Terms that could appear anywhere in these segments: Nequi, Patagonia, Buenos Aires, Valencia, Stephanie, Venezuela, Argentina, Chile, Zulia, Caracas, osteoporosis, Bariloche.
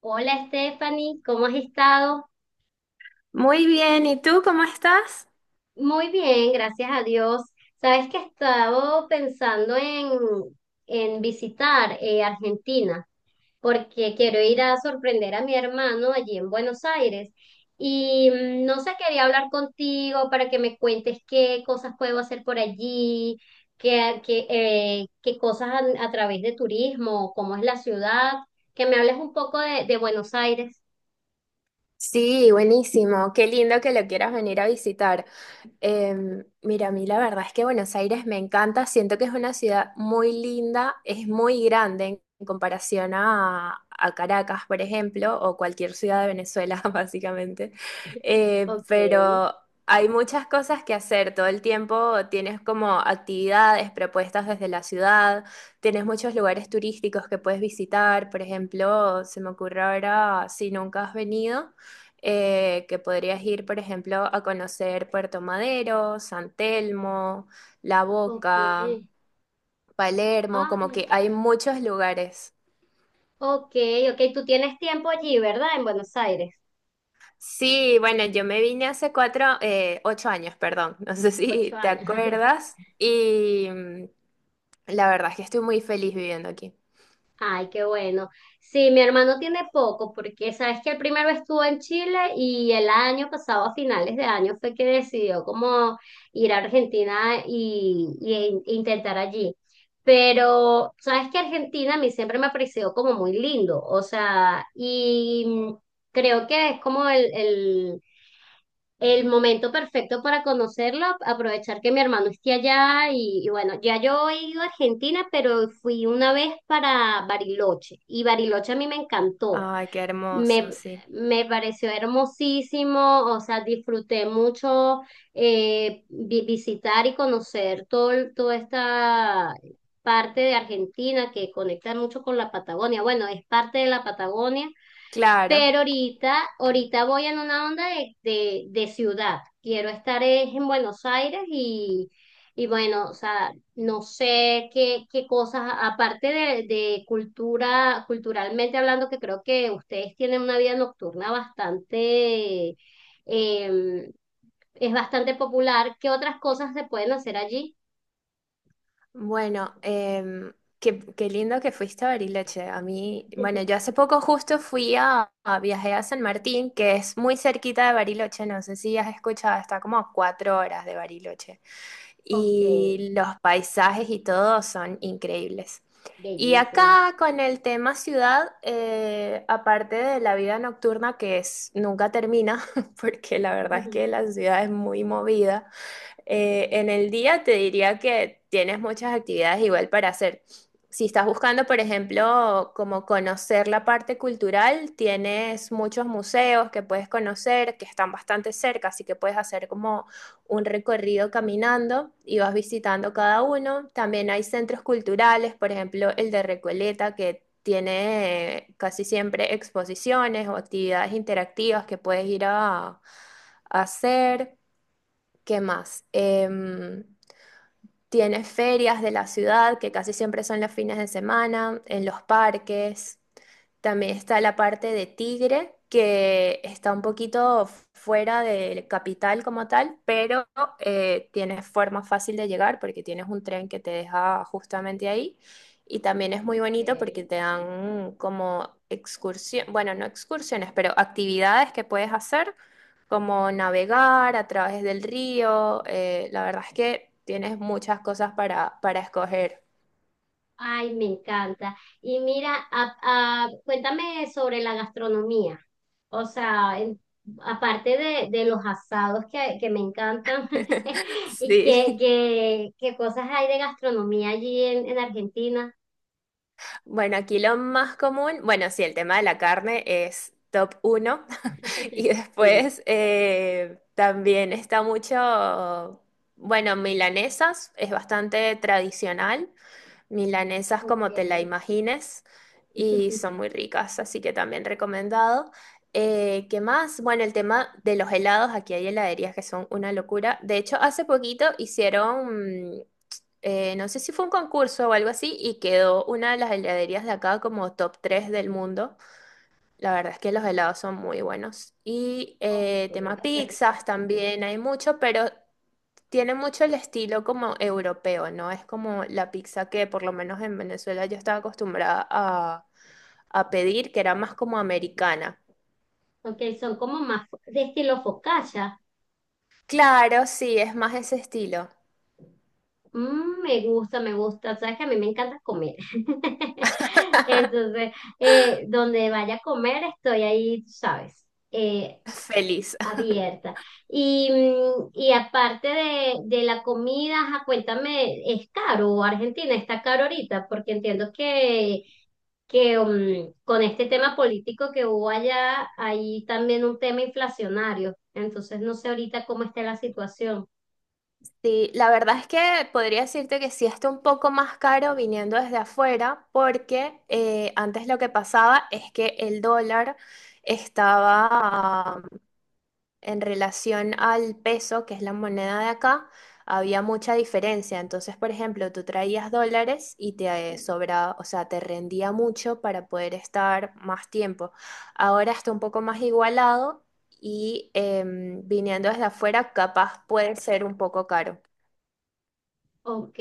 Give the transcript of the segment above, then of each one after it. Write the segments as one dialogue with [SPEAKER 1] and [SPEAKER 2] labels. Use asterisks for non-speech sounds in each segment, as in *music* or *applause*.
[SPEAKER 1] Hola Stephanie, ¿cómo has estado?
[SPEAKER 2] Muy bien, ¿y tú cómo estás?
[SPEAKER 1] Muy bien, gracias a Dios. Sabes que he estado pensando en visitar Argentina porque quiero ir a sorprender a mi hermano allí en Buenos Aires. Y no sé, quería hablar contigo para que me cuentes qué cosas puedo hacer por allí, qué cosas a través de turismo, cómo es la ciudad, que me hables un poco de Buenos Aires.
[SPEAKER 2] Sí, buenísimo. Qué lindo que lo quieras venir a visitar. Mira, a mí la verdad es que Buenos Aires me encanta, siento que es una ciudad muy linda, es muy grande en comparación a Caracas, por ejemplo, o cualquier ciudad de Venezuela, *laughs* básicamente.
[SPEAKER 1] Ok,
[SPEAKER 2] Pero hay muchas cosas que hacer todo el tiempo, tienes como actividades propuestas desde la ciudad, tienes muchos lugares turísticos que puedes visitar, por ejemplo, se me ocurre ahora, si nunca has venido que podrías ir, por ejemplo, a conocer Puerto Madero, San Telmo, La
[SPEAKER 1] ok.
[SPEAKER 2] Boca, Palermo,
[SPEAKER 1] Ah,
[SPEAKER 2] como que hay muchos lugares.
[SPEAKER 1] ok, ok, tú tienes tiempo allí, ¿verdad? En Buenos Aires,
[SPEAKER 2] Sí, bueno, yo me vine hace cuatro, 8 años, perdón, *laughs* no sé si
[SPEAKER 1] ocho
[SPEAKER 2] te
[SPEAKER 1] años. *laughs*
[SPEAKER 2] acuerdas, y la verdad es que estoy muy feliz viviendo aquí.
[SPEAKER 1] Ay, qué bueno. Sí, mi hermano tiene poco, porque sabes que el primero estuvo en Chile y el año pasado, a finales de año, fue que decidió como ir a Argentina e intentar allí. Pero sabes que Argentina a mí siempre me ha parecido como muy lindo, o sea, y creo que es como el momento perfecto para conocerlo, aprovechar que mi hermano esté allá y bueno, ya yo he ido a Argentina, pero fui una vez para Bariloche y Bariloche a mí me encantó,
[SPEAKER 2] Ay, qué
[SPEAKER 1] me,
[SPEAKER 2] hermoso, sí.
[SPEAKER 1] me pareció hermosísimo, o sea, disfruté mucho visitar y conocer todo, toda esta parte de Argentina que conecta mucho con la Patagonia. Bueno, es parte de la Patagonia,
[SPEAKER 2] Claro.
[SPEAKER 1] pero ahorita voy en una onda de ciudad. Quiero estar es en Buenos Aires y bueno, o sea, no sé qué cosas, aparte de cultura, culturalmente hablando, que creo que ustedes tienen una vida nocturna eh, es bastante popular. ¿Qué otras cosas se pueden hacer allí?
[SPEAKER 2] Bueno, qué lindo que fuiste a Bariloche. A mí, bueno, yo
[SPEAKER 1] *laughs*
[SPEAKER 2] hace poco justo a viajé a San Martín, que es muy cerquita de Bariloche, no sé si has escuchado, está como a 4 horas de Bariloche.
[SPEAKER 1] Ok,
[SPEAKER 2] Y los paisajes y todo son increíbles. Y
[SPEAKER 1] bellísimo.
[SPEAKER 2] acá con el tema ciudad, aparte de la vida nocturna que es, nunca termina, *laughs* porque la verdad es que
[SPEAKER 1] *laughs*
[SPEAKER 2] la ciudad es muy movida, en el día te diría que tienes muchas actividades igual para hacer. Si estás buscando, por ejemplo, como conocer la parte cultural, tienes muchos museos que puedes conocer, que están bastante cerca, así que puedes hacer como un recorrido caminando y vas visitando cada uno. También hay centros culturales, por ejemplo, el de Recoleta, que tiene casi siempre exposiciones o actividades interactivas que puedes ir a hacer. ¿Qué más? Tiene ferias de la ciudad, que casi siempre son los fines de semana, en los parques. También está la parte de Tigre, que está un poquito fuera del capital como tal, pero tiene forma fácil de llegar porque tienes un tren que te deja justamente ahí. Y también es muy
[SPEAKER 1] Ok.
[SPEAKER 2] bonito porque te dan como excursión, bueno, no excursiones, pero actividades que puedes hacer como navegar a través del río. La verdad es que tienes muchas cosas para escoger.
[SPEAKER 1] Ay, me encanta. Y mira, cuéntame sobre la gastronomía. O sea, aparte de los asados que me encantan.
[SPEAKER 2] *laughs*
[SPEAKER 1] *laughs* ¿Y
[SPEAKER 2] Sí.
[SPEAKER 1] qué cosas hay de gastronomía allí en Argentina?
[SPEAKER 2] Bueno, aquí lo más común, bueno, sí, el tema de la carne es top uno. *laughs* Y
[SPEAKER 1] *laughs* Sí.
[SPEAKER 2] después también está mucho, bueno, milanesas, es bastante tradicional. Milanesas
[SPEAKER 1] Ok.
[SPEAKER 2] como te la imagines y son muy
[SPEAKER 1] *laughs*
[SPEAKER 2] ricas, así que también recomendado. ¿Qué más? Bueno, el tema de los helados, aquí hay heladerías que son una locura. De hecho, hace poquito hicieron, no sé si fue un concurso o algo así, y quedó una de las heladerías de acá como top 3 del mundo. La verdad es que los helados son muy buenos. Y
[SPEAKER 1] Ok,
[SPEAKER 2] tema
[SPEAKER 1] ah, qué rico.
[SPEAKER 2] pizzas también hay mucho, pero tiene mucho el estilo como europeo, ¿no? Es como la pizza que por lo menos en Venezuela yo estaba acostumbrada a pedir, que era más como americana.
[SPEAKER 1] Ok, son como más de estilo focaccia.
[SPEAKER 2] Claro, sí, es más ese estilo.
[SPEAKER 1] Mm, me gusta, me gusta. Sabes que a mí me encanta comer. *laughs* Entonces, donde vaya a comer, estoy ahí, tú sabes, eh,
[SPEAKER 2] *laughs* Feliz.
[SPEAKER 1] abierta. Y, y aparte de la comida, ajá, cuéntame, ¿es caro? Argentina está caro ahorita, porque entiendo que con este tema político que hubo allá, hay también un tema inflacionario. Entonces, no sé ahorita cómo está la situación.
[SPEAKER 2] Sí, la verdad es que podría decirte que sí está un poco más caro viniendo desde afuera, porque antes lo que pasaba es que el dólar estaba en relación al peso, que es la moneda de acá, había mucha diferencia. Entonces, por ejemplo, tú traías dólares y te sobraba, o sea, te rendía mucho para poder estar más tiempo. Ahora está un poco más igualado y viniendo desde afuera, capaz puede ser un poco caro.
[SPEAKER 1] Ok,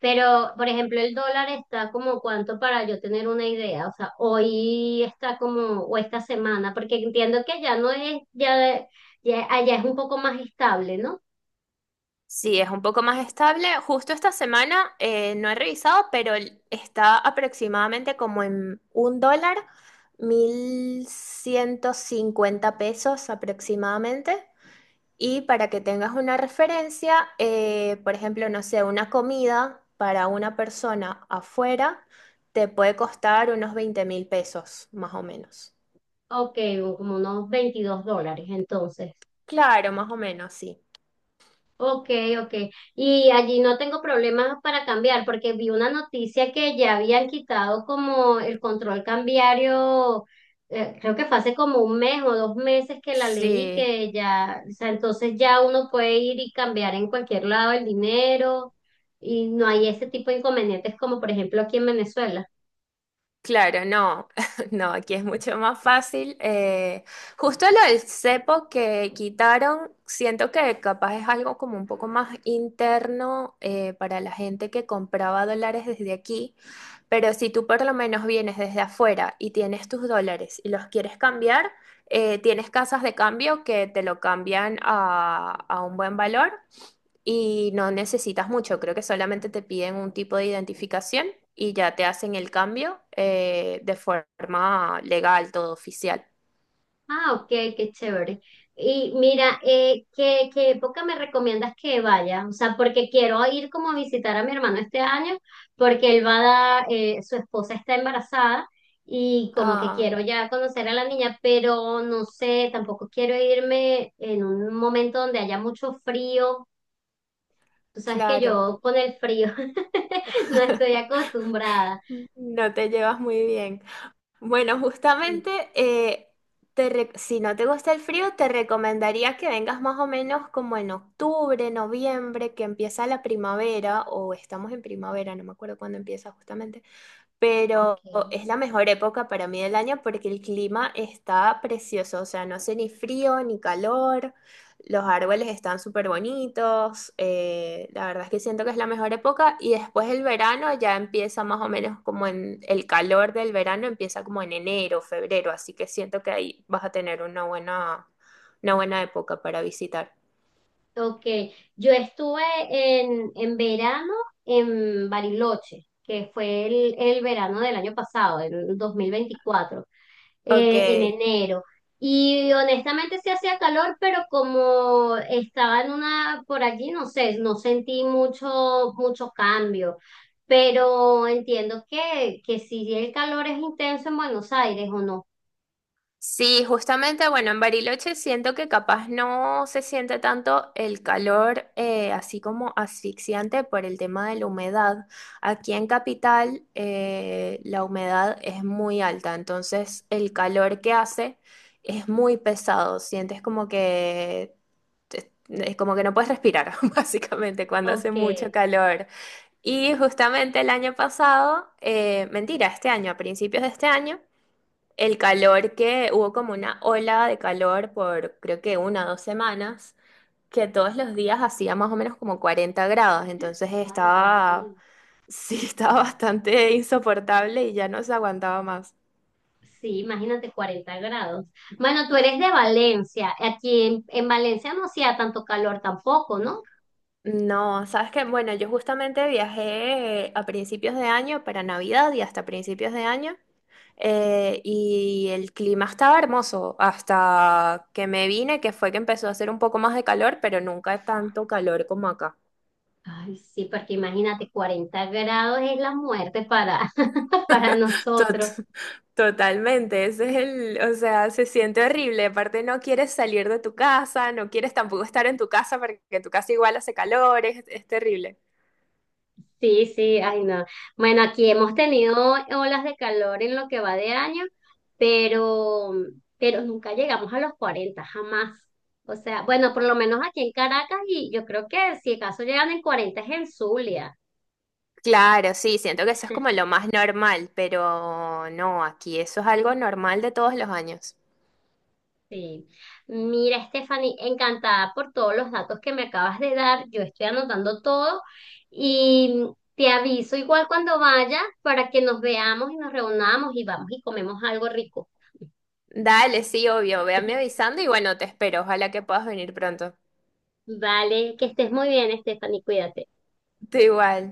[SPEAKER 1] pero por ejemplo el dólar está como cuánto para yo tener una idea, o sea, hoy está como, o esta semana, porque entiendo que ya no es, ya allá es un poco más estable, ¿no?
[SPEAKER 2] Sí, es un poco más estable. Justo esta semana no he revisado, pero está aproximadamente como en un dólar, 1150 pesos aproximadamente. Y para que tengas una referencia, por ejemplo, no sé, una comida para una persona afuera te puede costar unos 20.000 pesos, más o menos.
[SPEAKER 1] Ok, como unos 22 dólares entonces.
[SPEAKER 2] Claro, más o menos, sí.
[SPEAKER 1] Ok, ok. Y allí no tengo problemas para cambiar, porque vi una noticia que ya habían quitado como el control cambiario, creo que fue hace como un mes o dos meses que la leí,
[SPEAKER 2] Sí.
[SPEAKER 1] que ya, o sea, entonces ya uno puede ir y cambiar en cualquier lado el dinero y no hay ese tipo de inconvenientes como por ejemplo aquí en Venezuela.
[SPEAKER 2] Claro, no, *laughs* no, aquí es mucho más fácil. Justo lo del cepo que quitaron, siento que capaz es algo como un poco más interno para la gente que compraba dólares desde aquí, pero si tú por lo menos vienes desde afuera y tienes tus dólares y los quieres cambiar, tienes casas de cambio que te lo cambian a un buen valor. Y no necesitas mucho, creo que solamente te piden un tipo de identificación y ya te hacen el cambio de forma legal, todo oficial.
[SPEAKER 1] Ah, ok, qué chévere. Y mira, ¿qué época me recomiendas que vaya? O sea, porque quiero ir como a visitar a mi hermano este año, porque él va a dar, su esposa está embarazada y como que
[SPEAKER 2] Ah,
[SPEAKER 1] quiero ya conocer a la niña, pero no sé, tampoco quiero irme en un momento donde haya mucho frío. Tú sabes que
[SPEAKER 2] claro.
[SPEAKER 1] yo con el frío *laughs* no estoy
[SPEAKER 2] *laughs*
[SPEAKER 1] acostumbrada.
[SPEAKER 2] No te llevas muy bien. Bueno,
[SPEAKER 1] Sí.
[SPEAKER 2] justamente, si no te gusta el frío, te recomendaría que vengas más o menos como en octubre, noviembre, que empieza la primavera, o estamos en primavera, no me acuerdo cuándo empieza justamente.
[SPEAKER 1] Ok.
[SPEAKER 2] Pero es la mejor época para mí del año porque el clima está precioso, o sea, no hace ni frío ni calor, los árboles están súper bonitos, la verdad es que siento que es la mejor época y después el verano ya empieza más o menos como en el calor del verano, empieza como en enero, febrero, así que siento que ahí vas a tener una buena época para visitar.
[SPEAKER 1] Ok, yo estuve en verano en Bariloche, que fue el verano del año pasado, el 2024,
[SPEAKER 2] Ok.
[SPEAKER 1] en enero. Y honestamente sí hacía calor, pero como estaba en una, por allí, no sé, no sentí mucho cambio. Pero entiendo que si el calor es intenso en Buenos Aires o no.
[SPEAKER 2] Sí, justamente, bueno, en Bariloche siento que capaz no se siente tanto el calor así como asfixiante por el tema de la humedad. Aquí en Capital la humedad es muy alta, entonces el calor que hace es muy pesado. Sientes como que, es como que no puedes respirar, *laughs* básicamente, cuando hace
[SPEAKER 1] Ok,
[SPEAKER 2] mucho calor. Y justamente el año pasado, mentira, este año, a principios de este año el calor que hubo como una ola de calor por creo que 1 o 2 semanas, que todos los días hacía más o menos como 40 grados, entonces
[SPEAKER 1] ay Dios mío.
[SPEAKER 2] estaba, sí, *laughs* estaba bastante insoportable y ya no se aguantaba más.
[SPEAKER 1] Sí, imagínate 40 grados. Bueno, tú eres de Valencia. Aquí en Valencia no hacía tanto calor tampoco, ¿no?
[SPEAKER 2] No, sabes que, bueno, yo justamente viajé a principios de año para Navidad y hasta principios de año, y el clima estaba hermoso hasta que me vine, que fue que empezó a hacer un poco más de calor, pero nunca tanto calor como acá.
[SPEAKER 1] Ay, sí, porque imagínate, 40 grados es la muerte para, *laughs* para
[SPEAKER 2] Tot-
[SPEAKER 1] nosotros.
[SPEAKER 2] totalmente, ese es el, o sea, se siente horrible, aparte no quieres salir de tu casa, no quieres tampoco estar en tu casa porque tu casa igual hace calor, es terrible.
[SPEAKER 1] Sí, sí, ay no. Bueno, aquí hemos tenido olas de calor en lo que va de año, pero, pero nunca llegamos a los 40, jamás. O sea, bueno, por lo menos aquí en Caracas, y yo creo que si acaso llegan en 40 es en Zulia.
[SPEAKER 2] Claro, sí, siento que eso es como lo más normal, pero no, aquí eso es algo normal de todos los años.
[SPEAKER 1] Sí. Mira, Stephanie, encantada por todos los datos que me acabas de dar. Yo estoy anotando todo y te aviso igual cuando vaya para que nos veamos y nos reunamos y vamos y comemos algo rico.
[SPEAKER 2] Dale, sí, obvio, véanme avisando y bueno, te espero, ojalá que puedas venir pronto.
[SPEAKER 1] Vale, que estés muy bien, Stephanie, cuídate.
[SPEAKER 2] Te igual.